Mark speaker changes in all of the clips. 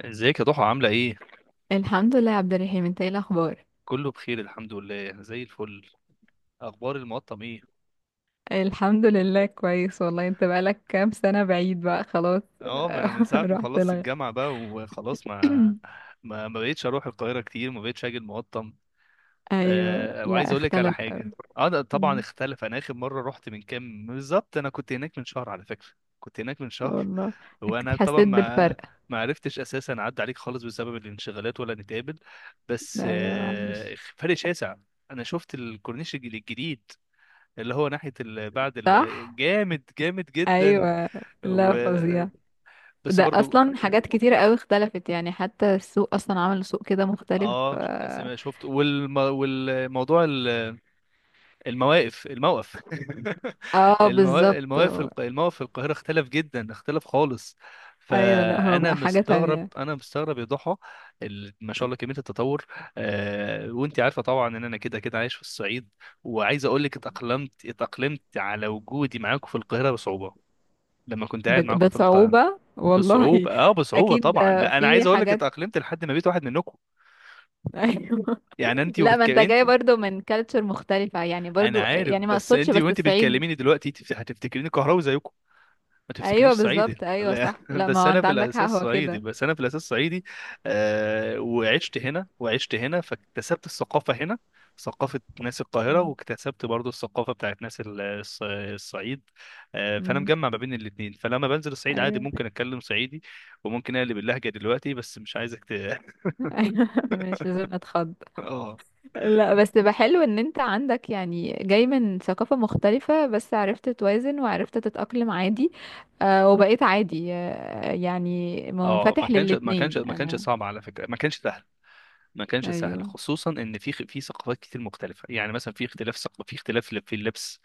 Speaker 1: ازيك يا ضحى عاملة ايه؟
Speaker 2: الحمد لله يا عبد الرحيم، انت ايه الاخبار؟
Speaker 1: كله بخير الحمد لله زي الفل. اخبار المقطم ايه؟
Speaker 2: الحمد لله كويس والله. انت بقالك كام سنة بعيد بقى خلاص.
Speaker 1: اه ما انا من ساعة ما
Speaker 2: رحت
Speaker 1: خلصت الجامعة بقى وخلاص ما ما ما بقتش اروح القاهرة كتير، ما بقتش اجي المقطم.
Speaker 2: ايوه،
Speaker 1: وعايز
Speaker 2: لا
Speaker 1: اقول لك على
Speaker 2: اختلف
Speaker 1: حاجة.
Speaker 2: قوي.
Speaker 1: انا طبعا
Speaker 2: مم.
Speaker 1: اختلف، انا اخر مرة رحت من كام بالظبط؟ انا كنت هناك من شهر على فكرة، كنت هناك من شهر.
Speaker 2: والله اكيد
Speaker 1: وانا طبعا
Speaker 2: حسيت بالفرق.
Speaker 1: ما عرفتش اساسا اعدي عليك خالص بسبب الانشغالات ولا نتقابل. بس
Speaker 2: ايوه مش
Speaker 1: فرق شاسع. انا شفت الكورنيش الجديد اللي هو ناحية
Speaker 2: صح.
Speaker 1: جامد، جامد جدا.
Speaker 2: ايوه
Speaker 1: و...
Speaker 2: لا فظيع.
Speaker 1: بس
Speaker 2: ده
Speaker 1: برضو.
Speaker 2: اصلا حاجات كتيرة قوي اختلفت يعني، حتى السوق اصلا عمل سوق كده مختلف.
Speaker 1: اه
Speaker 2: اه
Speaker 1: شفت والموضوع ال- المواقف الموقف.
Speaker 2: اه، بالظبط.
Speaker 1: الموقف في القاهرة اختلف جدا، اختلف خالص.
Speaker 2: ايوه لا هو
Speaker 1: فانا
Speaker 2: بقى حاجة
Speaker 1: مستغرب،
Speaker 2: تانية.
Speaker 1: انا مستغرب يا ضحى. ما شاء الله كمية التطور. وانت عارفة طبعا ان انا كده كده عايش في الصعيد. وعايز اقول لك اتأقلمت، اتأقلمت على وجودي معاكم في القاهرة بصعوبة. لما كنت قاعد معاكم في القاهرة
Speaker 2: بصعوبة والله
Speaker 1: بصعوبة، اه بصعوبة
Speaker 2: أكيد.
Speaker 1: طبعا. لا انا
Speaker 2: في
Speaker 1: عايز اقول لك
Speaker 2: حاجات.
Speaker 1: اتأقلمت لحد ما بقيت واحد منكم.
Speaker 2: أيوة.
Speaker 1: يعني
Speaker 2: لا ما أنت جاي
Speaker 1: انت.
Speaker 2: برضو من كالتشر مختلفة يعني،
Speaker 1: انا
Speaker 2: برضو
Speaker 1: عارف.
Speaker 2: يعني ما
Speaker 1: بس
Speaker 2: أقصدش
Speaker 1: انت
Speaker 2: بس
Speaker 1: وانت
Speaker 2: الصعيد.
Speaker 1: بتكلميني دلوقتي هتفتكريني قهراوي زيكم، ما
Speaker 2: أيوة
Speaker 1: تفتكرنيش
Speaker 2: بالظبط،
Speaker 1: صعيدي
Speaker 2: أيوة
Speaker 1: لا.
Speaker 2: صح، لا ما
Speaker 1: بس
Speaker 2: هو
Speaker 1: انا
Speaker 2: أنت
Speaker 1: في
Speaker 2: عندك حق،
Speaker 1: الاساس
Speaker 2: هو
Speaker 1: صعيدي،
Speaker 2: كده.
Speaker 1: بس انا في الاساس صعيدي. وعشت هنا، وعشت هنا فاكتسبت الثقافة هنا، ثقافة ناس القاهرة،
Speaker 2: مم.
Speaker 1: واكتسبت برضو الثقافة بتاعت ناس الصعيد. فأنا
Speaker 2: مم.
Speaker 1: مجمع ما بين الاتنين، فلما بنزل الصعيد عادي
Speaker 2: أيوة.
Speaker 1: ممكن أتكلم صعيدي وممكن أقلب اللهجة دلوقتي، بس مش عايزك ت...
Speaker 2: أيوة مش لازم أتخض.
Speaker 1: اه
Speaker 2: لا بس بقى حلو إن أنت عندك يعني جاي من ثقافة مختلفة، بس عرفت توازن وعرفت تتأقلم عادي. آه، وبقيت عادي آه يعني
Speaker 1: اه. ما
Speaker 2: منفتح
Speaker 1: كانش ما كانش
Speaker 2: للاتنين
Speaker 1: ما كانش
Speaker 2: أنا.
Speaker 1: صعب على فكره، ما كانش سهل، ما كانش سهل،
Speaker 2: أيوة
Speaker 1: خصوصا ان في ثقافات كتير مختلفه. يعني مثلا في اختلاف في اختلاف في اللبس،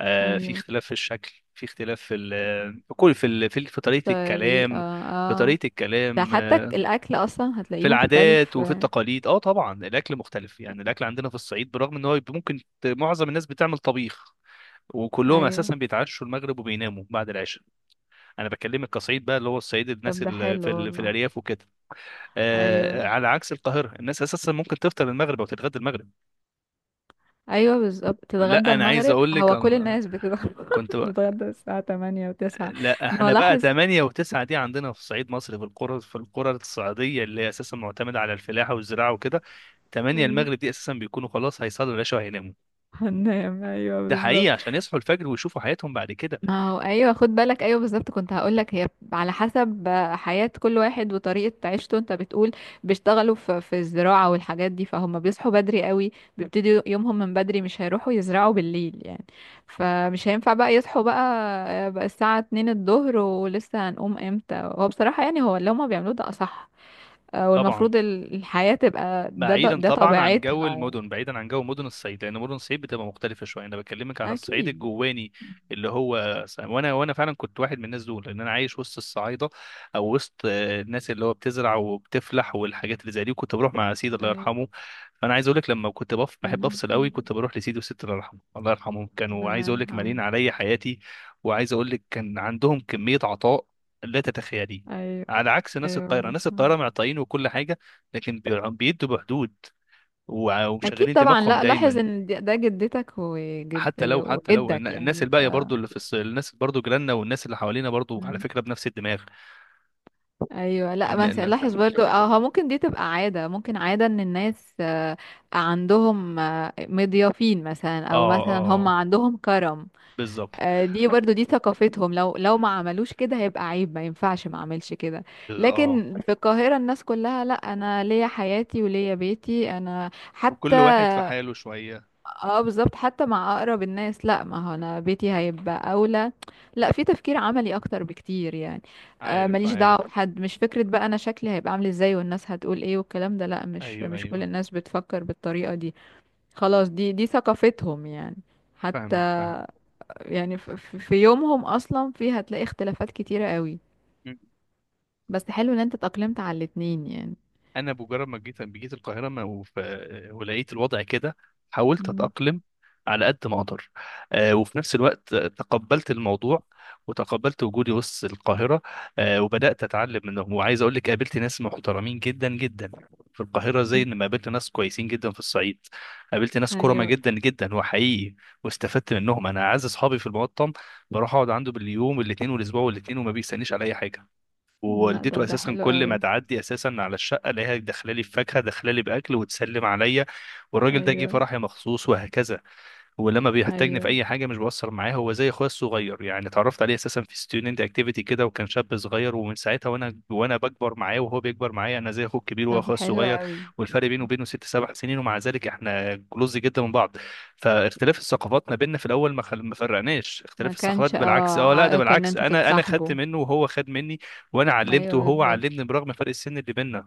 Speaker 1: في
Speaker 2: أيوة.
Speaker 1: اختلاف في الشكل، في اختلاف في ال... في كل في ال... في في طريقه
Speaker 2: طريقة.
Speaker 1: الكلام، في
Speaker 2: اه،
Speaker 1: طريقه
Speaker 2: ده
Speaker 1: الكلام.
Speaker 2: حتى الأكل أصلا
Speaker 1: في
Speaker 2: هتلاقيه
Speaker 1: العادات
Speaker 2: مختلف.
Speaker 1: وفي
Speaker 2: آه،
Speaker 1: التقاليد. اه طبعا الاكل مختلف. يعني الاكل عندنا في الصعيد، برغم ان هو يبقى ممكن معظم الناس بتعمل طبيخ، وكلهم
Speaker 2: أيوه
Speaker 1: اساسا بيتعشوا المغرب وبيناموا بعد العشاء. انا بكلمك كصعيد بقى، اللي هو الصعيد، الناس
Speaker 2: طب ده
Speaker 1: اللي
Speaker 2: حلو
Speaker 1: في
Speaker 2: والله.
Speaker 1: الارياف وكده،
Speaker 2: أيوه
Speaker 1: على عكس القاهره، الناس اساسا ممكن تفطر المغرب او تتغدى المغرب.
Speaker 2: أيوه بالظبط، تتغدى
Speaker 1: لا انا عايز
Speaker 2: المغرب.
Speaker 1: اقول لك
Speaker 2: هو كل
Speaker 1: أنا
Speaker 2: الناس بتتغدى
Speaker 1: كنت بقى.
Speaker 2: بتتغدى الساعة تمانية وتسعة.
Speaker 1: لا
Speaker 2: ما هو
Speaker 1: احنا بقى
Speaker 2: لاحظ.
Speaker 1: 8 و9 دي عندنا في صعيد مصر، في القرى، في القرى الصعيديه اللي هي اساسا معتمده على الفلاحه والزراعه وكده. 8
Speaker 2: أيوه
Speaker 1: المغرب دي اساسا بيكونوا خلاص هيصلوا العشاء وهيناموا.
Speaker 2: هننام، أيوه
Speaker 1: ده حقيقي،
Speaker 2: بالظبط.
Speaker 1: عشان يصحوا الفجر ويشوفوا حياتهم بعد كده.
Speaker 2: ما هو ايوه خد بالك، ايوه بالظبط. كنت هقولك هي على حسب حياة كل واحد وطريقة عيشته. انت بتقول بيشتغلوا في الزراعة والحاجات دي، فهم بيصحوا بدري قوي، بيبتدوا يومهم من بدري، مش هيروحوا يزرعوا بالليل يعني. فمش هينفع بقى يصحوا بقى الساعة 2 الظهر ولسه هنقوم امتى. هو بصراحة يعني هو اللي هما بيعملوه ده اصح. آه،
Speaker 1: طبعا
Speaker 2: والمفروض الحياة تبقى ده ده,
Speaker 1: بعيدا
Speaker 2: ده
Speaker 1: طبعا عن جو
Speaker 2: طبيعتها يعني.
Speaker 1: المدن، بعيدا عن جو مدن الصعيد، لان مدن الصعيد بتبقى مختلفه شويه. انا بكلمك عن الصعيد
Speaker 2: اكيد.
Speaker 1: الجواني، اللي هو وانا فعلا كنت واحد من الناس دول، لان انا عايش وسط الصعايده، او وسط الناس اللي هو بتزرع وبتفلح والحاجات اللي زي دي، وكنت بروح مع سيدي الله
Speaker 2: أيوة.
Speaker 1: يرحمه. فانا عايز اقول لك، لما كنت بحب
Speaker 2: ربنا
Speaker 1: افصل قوي
Speaker 2: يرحمه.
Speaker 1: كنت بروح لسيدي وستي الله يرحمه، الله يرحمهم، كانوا عايز
Speaker 2: ربنا
Speaker 1: اقول لك
Speaker 2: يرحمه.
Speaker 1: مالين عليا حياتي. وعايز اقول لك كان عندهم كميه عطاء لا تتخيليه.
Speaker 2: ايوه.
Speaker 1: على عكس ناس
Speaker 2: ايوه
Speaker 1: القاهره، ناس
Speaker 2: مثلا.
Speaker 1: القاهره معطائين وكل حاجه، لكن بيدوا بحدود
Speaker 2: اكيد
Speaker 1: ومشغلين
Speaker 2: طبعا.
Speaker 1: دماغهم
Speaker 2: لا لاحظ
Speaker 1: دايما.
Speaker 2: ان ده جدتك
Speaker 1: حتى لو، حتى لو
Speaker 2: وجدك
Speaker 1: الناس
Speaker 2: يعني ف.
Speaker 1: الباقيه برضو اللي الناس برضو جيراننا والناس اللي حوالينا برضو على
Speaker 2: مم.
Speaker 1: فكره بنفس الدماغ.
Speaker 2: ايوه لا
Speaker 1: ان
Speaker 2: مثلا لاحظ برضو، اه هو ممكن دي تبقى عاده، ممكن عاده ان الناس آه، عندهم آه، مضيافين مثلا،
Speaker 1: اه
Speaker 2: او مثلا هم
Speaker 1: اه
Speaker 2: عندهم كرم.
Speaker 1: بالظبط.
Speaker 2: آه، دي برضو دي ثقافتهم، لو ما عملوش كده هيبقى عيب، ما ينفعش ما اعملش كده.
Speaker 1: اه،
Speaker 2: لكن في القاهره الناس كلها لا، انا ليا حياتي وليا بيتي انا حتى.
Speaker 1: وكل واحد في حاله شويه.
Speaker 2: اه بالظبط، حتى مع اقرب الناس، لا ما هو انا بيتي هيبقى اولى. لا في تفكير عملي اكتر بكتير يعني. آه
Speaker 1: عارف،
Speaker 2: ماليش دعوه
Speaker 1: عارف.
Speaker 2: بحد، مش فكره بقى انا شكلي هيبقى عامل ازاي والناس هتقول ايه والكلام ده. لا مش
Speaker 1: ايوه،
Speaker 2: مش كل
Speaker 1: ايوه.
Speaker 2: الناس بتفكر بالطريقه دي. خلاص دي ثقافتهم يعني. حتى
Speaker 1: فاهمك، فاهمك.
Speaker 2: يعني في يومهم اصلا في هتلاقي اختلافات كتيره قوي. بس حلو ان انت اتأقلمت على الاتنين يعني.
Speaker 1: انا بمجرد ما جيت، جيت القاهره ولقيت الوضع كده، حاولت
Speaker 2: مم.
Speaker 1: اتاقلم على قد ما اقدر. وفي نفس الوقت تقبلت الموضوع، وتقبلت وجودي وسط القاهره. وبدات اتعلم منهم، وعايز اقول لك قابلت ناس محترمين جدا جدا في القاهره زي
Speaker 2: مم.
Speaker 1: ما قابلت ناس كويسين جدا في الصعيد. قابلت ناس كرمه
Speaker 2: ايوه.
Speaker 1: جدا جدا وحقيقي، واستفدت منهم. انا اعز اصحابي في المقطم، بروح اقعد عنده باليوم الاثنين والاسبوع والاثنين، وما بيستنيش على اي حاجه.
Speaker 2: لا
Speaker 1: ووالدته
Speaker 2: طب ده
Speaker 1: اساسا
Speaker 2: حلو
Speaker 1: كل ما
Speaker 2: قوي.
Speaker 1: تعدي اساسا على الشقه الاقيها داخله لي بفاكهه، داخله لي باكل وتسلم عليا، والراجل ده جه
Speaker 2: ايوه
Speaker 1: فرحي مخصوص وهكذا. ولما بيحتاجني في
Speaker 2: ايوه.
Speaker 1: اي حاجه مش بقصر معاه، هو زي اخويا الصغير يعني. اتعرفت عليه اساسا في ستودنت اكتيفيتي كده، وكان شاب صغير، ومن ساعتها وانا بكبر معاه وهو بيكبر معايا. انا زي اخوه الكبير وهو
Speaker 2: طب
Speaker 1: اخويا
Speaker 2: حلو
Speaker 1: الصغير.
Speaker 2: قوي.
Speaker 1: والفرق بينه وبينه ست سبع سنين، ومع ذلك احنا كلوز جدا من بعض. فاختلاف الثقافات ما بيننا في الاول ما فرقناش،
Speaker 2: ما
Speaker 1: اختلاف الثقافات
Speaker 2: كانش
Speaker 1: بالعكس، اه لا ده
Speaker 2: عائق ان
Speaker 1: بالعكس،
Speaker 2: انتوا
Speaker 1: انا خدت
Speaker 2: تتصاحبوا.
Speaker 1: منه وهو خد مني، وانا علمته
Speaker 2: ايوه
Speaker 1: وهو
Speaker 2: بالظبط.
Speaker 1: علمني برغم فرق السن اللي بيننا.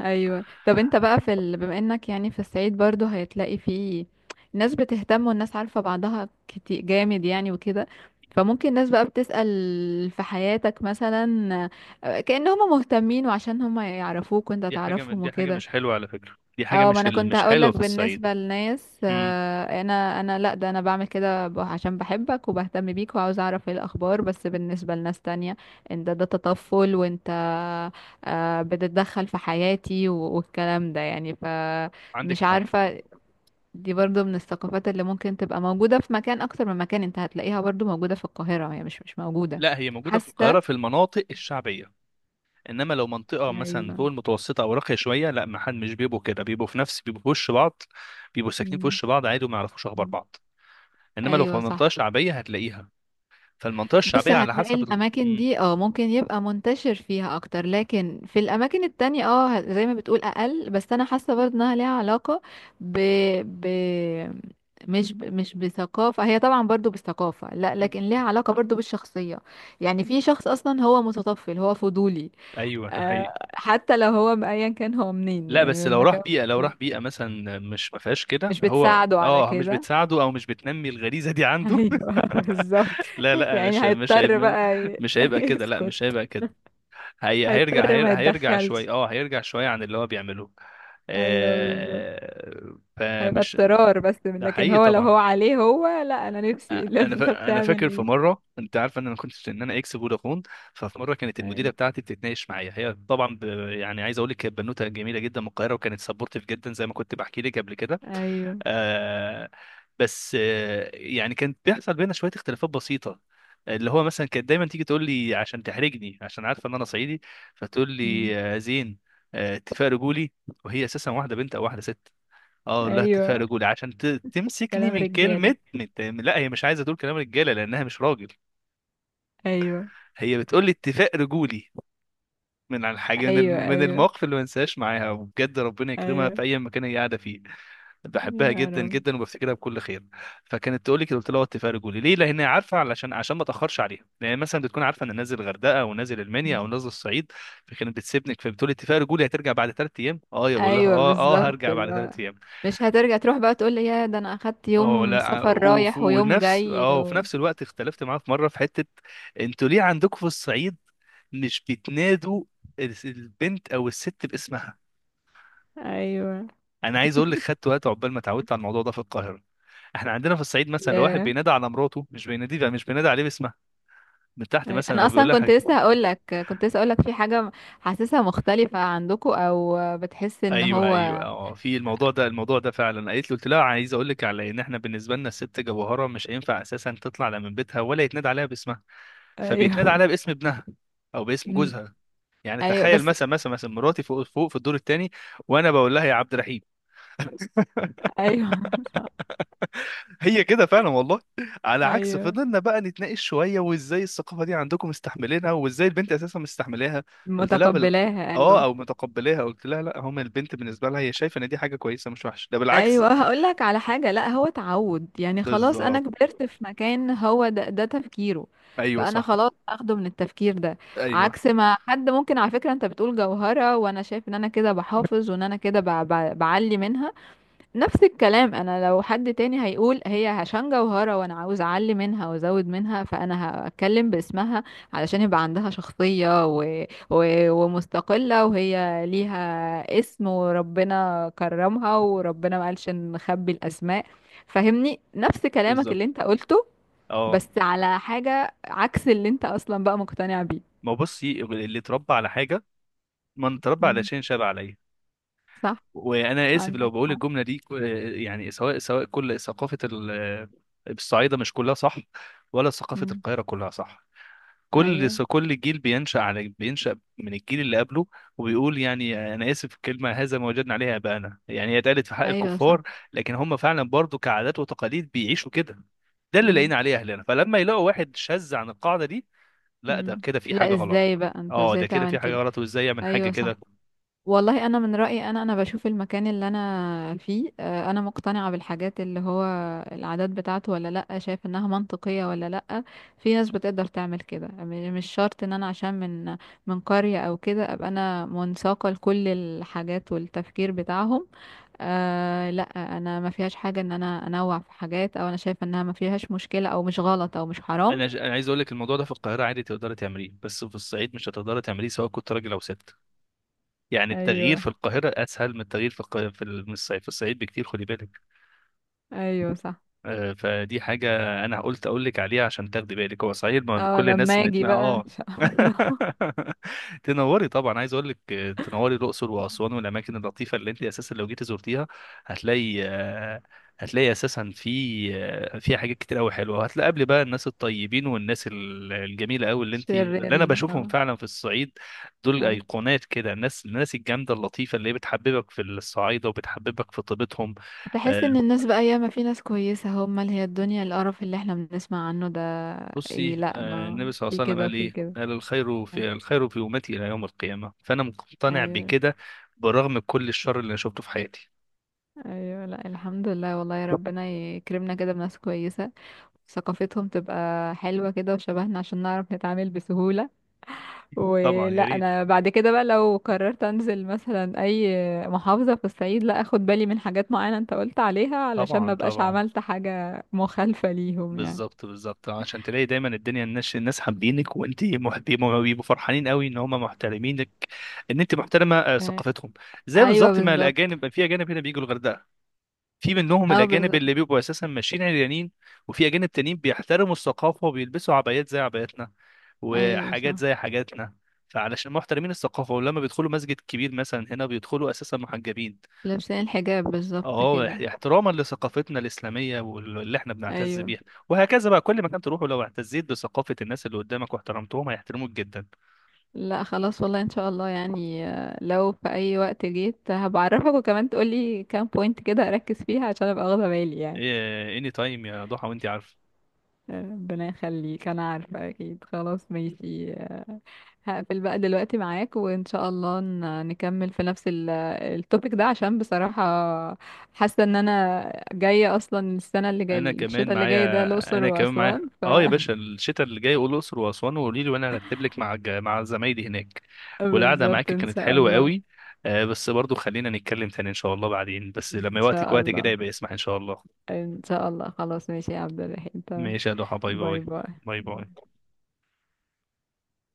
Speaker 2: ايوه طب انت بقى في ال... بما انك يعني في الصعيد برضو هيتلاقي فيه ناس بتهتم، والناس عارفة بعضها كتير جامد يعني وكده، فممكن ناس بقى بتسأل في حياتك مثلا، آه، كأن هم مهتمين وعشان هم يعرفوك وانت
Speaker 1: دي حاجه، من
Speaker 2: تعرفهم
Speaker 1: دي حاجه
Speaker 2: وكده.
Speaker 1: مش حلوه على فكره، دي حاجه
Speaker 2: اه، ما
Speaker 1: مش،
Speaker 2: انا كنت
Speaker 1: مش حلوه
Speaker 2: هقولك
Speaker 1: في الصعيد.
Speaker 2: بالنسبه للناس
Speaker 1: امم.
Speaker 2: آه، انا لا ده انا بعمل كده عشان بحبك وبهتم بيك وعاوز اعرف ايه الاخبار. بس بالنسبه لناس تانية، انت ده تطفل، وانت آه، بتتدخل في حياتي والكلام ده يعني،
Speaker 1: عندك.
Speaker 2: فمش عارفه. دي برضو من الثقافات اللي ممكن تبقى موجوده في مكان اكتر من مكان. انت هتلاقيها برضو موجوده في القاهره، هي مش موجوده.
Speaker 1: لا، هي موجودة في
Speaker 2: حاسه.
Speaker 1: القاهرة في المناطق الشعبية. انما لو منطقة مثلا
Speaker 2: ايوه.
Speaker 1: فوق المتوسطة او راقية شوية، لا ما حد مش بيبقوا كده، بيبقوا في نفس، بيبقوا في وش بعض. بيبقوا ساكنين في
Speaker 2: مم.
Speaker 1: وش بعض عادي، وما يعرفوش اخبار
Speaker 2: مم.
Speaker 1: بعض. انما لو في
Speaker 2: ايوه
Speaker 1: منطقة
Speaker 2: صح.
Speaker 1: شعبية هتلاقيها. فالمنطقة
Speaker 2: بص
Speaker 1: الشعبية على
Speaker 2: هتلاقي
Speaker 1: حسب
Speaker 2: الاماكن دي اه ممكن يبقى منتشر فيها اكتر، لكن في الاماكن التانية اه زي ما بتقول اقل، بس انا حاسة برضه انها ليها علاقة ب... ب... مش ب... مش بثقافة. هي طبعا برضو بالثقافة، لا
Speaker 1: م-
Speaker 2: لكن ليها علاقة برضو بالشخصية يعني. في شخص اصلا هو متطفل هو فضولي،
Speaker 1: ايوه، ده حقيقي.
Speaker 2: آه حتى لو هو ايا كان هو منين
Speaker 1: لا
Speaker 2: يعني
Speaker 1: بس
Speaker 2: من
Speaker 1: لو راح
Speaker 2: مكان
Speaker 1: بيئة، لو راح بيئة مثلا مش ما فيهاش كده،
Speaker 2: مش
Speaker 1: هو
Speaker 2: بتساعده على
Speaker 1: اه مش
Speaker 2: كده.
Speaker 1: بتساعده او مش بتنمي الغريزة دي عنده.
Speaker 2: ايوه بالظبط.
Speaker 1: لا لا، مش
Speaker 2: يعني
Speaker 1: مش
Speaker 2: هيضطر
Speaker 1: هيبقى،
Speaker 2: بقى
Speaker 1: مش هيبقى كده، لا مش
Speaker 2: يسكت.
Speaker 1: هيبقى كده. هي هيرجع
Speaker 2: هيضطر
Speaker 1: هير
Speaker 2: ما
Speaker 1: هيرجع
Speaker 2: يتدخلش
Speaker 1: شوي، اه هيرجع شوية عن اللي هو بيعمله.
Speaker 2: ايوه بالظبط.
Speaker 1: آه،
Speaker 2: هيبقى
Speaker 1: فمش
Speaker 2: اضطرار بس،
Speaker 1: ده
Speaker 2: لكن
Speaker 1: حقيقي
Speaker 2: هو لو هو
Speaker 1: طبعا.
Speaker 2: عليه هو لا، انا نفسي
Speaker 1: آه،
Speaker 2: اللي انت
Speaker 1: انا
Speaker 2: بتعمل
Speaker 1: فاكر في
Speaker 2: ايه.
Speaker 1: مره، انت عارف ان انا كنت، ان انا اكس فودافون. ففي مره كانت المديره
Speaker 2: ايوه
Speaker 1: بتاعتي بتتناقش معايا، هي طبعا ب... يعني عايز اقول لك كانت بنوته جميله جدا من القاهره، وكانت سبورتيف جدا زي ما كنت بحكي لك قبل كده.
Speaker 2: ايوه.
Speaker 1: آه بس آه يعني كانت بيحصل بينا شويه اختلافات بسيطه، اللي هو مثلا كانت دايما تيجي تقول لي عشان تحرجني، عشان عارفه ان انا صعيدي، فتقول
Speaker 2: مم.
Speaker 1: لي زين، اتفاق رجولي. وهي اساسا واحده بنت او واحده ست. اه لا، اتفاق
Speaker 2: ايوه.
Speaker 1: رجولي تمسكني
Speaker 2: كلام رجاله.
Speaker 1: لا هي مش عايزه تقول كلام رجاله لانها مش راجل،
Speaker 2: ايوه
Speaker 1: هي بتقول لي اتفاق رجولي. من على الحاجه،
Speaker 2: ايوه
Speaker 1: من
Speaker 2: ايوه.
Speaker 1: المواقف اللي ما انساهاش معاها، وبجد ربنا يكرمها
Speaker 2: ايوه.
Speaker 1: في اي مكان هي قاعده فيه، بحبها
Speaker 2: يا
Speaker 1: جدا
Speaker 2: رب.
Speaker 1: جدا وبفتكرها بكل خير. فكانت تقول لي كده، قلت لها وطي فيها رجولي ليه، لان هي عارفه علشان، عشان ما اتاخرش عليها، لان مثلا بتكون عارفه ان نازل الغردقه او نازل المنيا
Speaker 2: مم.
Speaker 1: او نازل الصعيد. فكانت بتسيبني، فبتقول لي اتفاق رجولي هترجع بعد 3 ايام، اه يا بقول لها
Speaker 2: ايوه
Speaker 1: اه اه
Speaker 2: بالظبط،
Speaker 1: هرجع
Speaker 2: اللي
Speaker 1: بعد
Speaker 2: هو
Speaker 1: 3 ايام.
Speaker 2: مش هترجع تروح بقى تقول لي يا ده انا اخدت
Speaker 1: اه
Speaker 2: يوم
Speaker 1: لا آه،
Speaker 2: سفر
Speaker 1: وف-
Speaker 2: رايح ويوم
Speaker 1: ونفس
Speaker 2: جاي
Speaker 1: اه وفي
Speaker 2: و...
Speaker 1: نفس الوقت اختلفت معاها في مره في حته. انتوا ليه عندكم في الصعيد مش بتنادوا البنت او الست باسمها؟
Speaker 2: ايوه.
Speaker 1: انا عايز اقول لك خدت وقت عقبال ما اتعودت على الموضوع ده في القاهره. احنا عندنا في الصعيد مثلا، لو واحد
Speaker 2: ياه.
Speaker 1: بينادى على مراته مش بينادي بقى، مش بينادي عليه باسمها من تحت مثلا،
Speaker 2: انا
Speaker 1: او بيقول
Speaker 2: اصلا
Speaker 1: لها
Speaker 2: كنت
Speaker 1: حاجه.
Speaker 2: لسه هقول لك كنت لسه هقول لك في حاجه حاسسها مختلفه عندكم، او بتحس ان
Speaker 1: ايوه، ايوه.
Speaker 2: هو.
Speaker 1: اه في الموضوع ده، الموضوع ده فعلا قالت له، قلت لها عايز اقول لك على ان احنا بالنسبه لنا الست جوهره، مش هينفع اساسا تطلع لا من بيتها، ولا يتنادى عليها باسمها، فبيتنادى
Speaker 2: ايوه.
Speaker 1: عليها باسم ابنها او باسم
Speaker 2: مم،
Speaker 1: جوزها. يعني
Speaker 2: ايوه
Speaker 1: تخيل
Speaker 2: بس.
Speaker 1: مثلا، مثلا مراتي فوق، فوق في الدور الثاني، وانا بقول لها يا عبد الرحيم.
Speaker 2: ايوه
Speaker 1: هي كده فعلا والله. على عكس،
Speaker 2: ايوه
Speaker 1: فضلنا بقى نتناقش شويه، وازاي الثقافه دي عندكم مستحملينها، وازاي البنت اساسا مستحملاها؟ قلت لها
Speaker 2: متقبلاها،
Speaker 1: اه
Speaker 2: ايوه.
Speaker 1: او متقبلاها، قلت لها لا هم البنت بالنسبه لها هي شايفه ان دي حاجه كويسه مش وحشه، ده بالعكس.
Speaker 2: ايوه هقول لك على حاجه، لا هو تعود يعني. خلاص انا
Speaker 1: بالظبط.
Speaker 2: كبرت في مكان هو ده تفكيره،
Speaker 1: ايوه
Speaker 2: فانا
Speaker 1: صح.
Speaker 2: خلاص اخده من التفكير ده،
Speaker 1: ايوه
Speaker 2: عكس ما حد ممكن. على فكره انت بتقول جوهره، وانا شايف ان انا كده بحافظ وان انا كده بعلي منها. نفس الكلام، انا لو حد تاني هيقول هي هشام جوهرة وانا عاوز اعلي منها وازود منها، فانا هتكلم باسمها علشان يبقى عندها شخصية ومستقلة، وهي ليها اسم وربنا كرمها وربنا ما قالش نخبي الاسماء. فهمني نفس كلامك
Speaker 1: بالظبط.
Speaker 2: اللي انت قلته،
Speaker 1: اه،
Speaker 2: بس على حاجة عكس اللي انت اصلا بقى مقتنع بيه.
Speaker 1: ما هو بصي اللي اتربى على حاجه، من اتربى على
Speaker 2: مم.
Speaker 1: شيء شاب عليه.
Speaker 2: صح.
Speaker 1: وانا اسف لو
Speaker 2: عندك
Speaker 1: بقول
Speaker 2: حق.
Speaker 1: الجمله دي يعني، سواء كل ثقافه الصعيده مش كلها صح، ولا ثقافه
Speaker 2: مم.
Speaker 1: القاهره كلها صح.
Speaker 2: ايوه.
Speaker 1: كل جيل بينشأ على، بينشأ من الجيل اللي قبله، وبيقول يعني، انا اسف الكلمه، هذا ما وجدنا عليها اباءنا. يعني هي اتقالت في حق
Speaker 2: ايوه صح.
Speaker 1: الكفار، لكن هم فعلا برضو كعادات وتقاليد بيعيشوا كده. ده اللي
Speaker 2: مم.
Speaker 1: لقينا عليه اهلنا، فلما يلاقوا واحد شاذ عن القاعده دي، لا ده
Speaker 2: مم.
Speaker 1: كده في حاجه
Speaker 2: لا
Speaker 1: غلط،
Speaker 2: ازاي بقى انت
Speaker 1: اه
Speaker 2: ازاي
Speaker 1: ده كده
Speaker 2: تعمل
Speaker 1: في حاجه
Speaker 2: كده.
Speaker 1: غلط، وازاي يعمل حاجه
Speaker 2: ايوه صح.
Speaker 1: كده.
Speaker 2: والله انا من رايي، انا بشوف المكان اللي انا فيه آه، انا مقتنعه بالحاجات اللي هو العادات بتاعته ولا لا، شايف انها منطقيه ولا لا. في ناس بتقدر تعمل كده، مش شرط ان انا عشان من قريه او كده ابقى انا منساقه لكل الحاجات والتفكير بتاعهم. آه لا انا ما فيهاش حاجه ان انا انوع في حاجات، او انا شايفه انها ما فيهاش مشكله او مش غلط او مش حرام.
Speaker 1: انا عايز اقول لك الموضوع ده في القاهره عادي تقدري تعمليه، بس في الصعيد مش هتقدري تعمليه، سواء كنت راجل او ست. يعني التغيير
Speaker 2: ايوه.
Speaker 1: في القاهره اسهل من التغيير في الق... في ال- من الصعيد، في الصعيد بكتير، خدي بالك.
Speaker 2: ايوه صح.
Speaker 1: فدي حاجة أنا قلت أقول لك عليها عشان تاخدي بالك. هو صحيح ما
Speaker 2: اه
Speaker 1: كل الناس
Speaker 2: لما اجي
Speaker 1: نتنا.
Speaker 2: بقى ان شاء الله.
Speaker 1: تنوري طبعا، عايز أقول لك تنوري الأقصر وأسوان والأماكن اللطيفة اللي أنت أساسا لو جيتي زرتيها هتلاقي، هتلاقي أساسا في، في حاجات كتير أوي حلوة. هتلاقي قبل بقى الناس الطيبين، والناس الجميلة أوي، اللي أنت، اللي أنا
Speaker 2: شريرين
Speaker 1: بشوفهم
Speaker 2: اه.
Speaker 1: فعلا في الصعيد، دول
Speaker 2: ايوه
Speaker 1: أيقونات كده. الناس، الناس الجامدة اللطيفة اللي هي بتحببك في الصعايدة وبتحببك في طيبتهم. آه،
Speaker 2: تحس ان الناس بقى، ياما في ناس كويسة، هم اللي هي الدنيا القرف اللي احنا بنسمع عنه ده. إيه
Speaker 1: بصي،
Speaker 2: لا ما
Speaker 1: النبي صلى الله
Speaker 2: في
Speaker 1: عليه وسلم
Speaker 2: كده
Speaker 1: قال
Speaker 2: في
Speaker 1: ايه،
Speaker 2: كده.
Speaker 1: قال الخير، في الخير في امتي الى يوم القيامه، فانا مقتنع
Speaker 2: ايوه.
Speaker 1: بكده، برغم كل الشر اللي انا شفته في حياتي.
Speaker 2: ايوه لا الحمد لله والله، يا ربنا يكرمنا كده بناس كويسة ثقافتهم تبقى حلوة كده وشبهنا عشان نعرف نتعامل بسهولة.
Speaker 1: طبعا
Speaker 2: ولا
Speaker 1: يا ريت.
Speaker 2: انا بعد كده بقى لو قررت انزل مثلا اي محافظة في الصعيد، لا اخد بالي من حاجات معينة انت قلت عليها علشان ما
Speaker 1: طبعا
Speaker 2: بقاش
Speaker 1: طبعا.
Speaker 2: عملت حاجة مخالفة ليهم يعني.
Speaker 1: بالظبط بالظبط، عشان تلاقي دايما الدنيا، الناس، الناس حابينك وانت محترمه، بيبقوا فرحانين قوي ان هم محترمينك، ان انت محترمه
Speaker 2: آه،
Speaker 1: ثقافتهم. زي
Speaker 2: ايوه
Speaker 1: بالظبط ما
Speaker 2: بالظبط.
Speaker 1: الاجانب، في اجانب هنا بيجوا الغردقه، في منهم
Speaker 2: اه
Speaker 1: الاجانب
Speaker 2: بالظبط.
Speaker 1: اللي بيبقوا اساسا ماشيين عريانين، وفي اجانب تانيين بيحترموا الثقافه وبيلبسوا عبايات زي عباياتنا،
Speaker 2: ايوه
Speaker 1: وحاجات
Speaker 2: صح.
Speaker 1: زي حاجاتنا. فعلشان محترمين الثقافه، ولما بيدخلوا مسجد كبير مثلا هنا بيدخلوا اساسا محجبين،
Speaker 2: لابسين الحجاب بالظبط
Speaker 1: اه
Speaker 2: كده.
Speaker 1: احتراما لثقافتنا الاسلاميه واللي احنا بنعتز
Speaker 2: ايوه.
Speaker 1: بيها. وهكذا بقى، كل مكان تروحوا لو اعتزيت بثقافه الناس اللي قدامك واحترمتهم هيحترموك جدا.
Speaker 2: لا خلاص والله ان شاء الله يعني، آه، لو في اي وقت جيت هبعرفك، وكمان تقولي كام بوينت كده اركز فيها عشان ابقى واخده بالي يعني.
Speaker 1: إيه اني تايم يا ضحى وانت عارفه.
Speaker 2: ربنا يخليك، انا عارفة اكيد. خلاص ماشي، آه، هقفل بقى دلوقتي معاك، وان شاء الله نكمل في نفس التوبيك ده عشان بصراحة حاسة ان انا جاية اصلا السنة اللي جاية،
Speaker 1: انا كمان
Speaker 2: الشتاء اللي جاي ده
Speaker 1: معايا
Speaker 2: الاقصر
Speaker 1: انا كمان معايا.
Speaker 2: واسوان ف
Speaker 1: اه يا باشا، الشتاء اللي جاي قول الاقصر واسوان وقولي لي، وانا هرتب لك مع مع زمايلي هناك. والقعده معاك
Speaker 2: بالظبط ان
Speaker 1: كانت
Speaker 2: شاء
Speaker 1: حلوه
Speaker 2: الله.
Speaker 1: قوي. بس برضو خلينا نتكلم تاني ان شاء الله بعدين، بس
Speaker 2: ان
Speaker 1: لما وقتك
Speaker 2: شاء
Speaker 1: وقت كده
Speaker 2: الله.
Speaker 1: يبقى اسمح ان شاء الله.
Speaker 2: ان شاء الله خلاص ماشي يا عبد الرحيم، تمام.
Speaker 1: ماشي يا ضحى، باي
Speaker 2: باي
Speaker 1: باي.
Speaker 2: باي.
Speaker 1: باي
Speaker 2: باي.
Speaker 1: باي.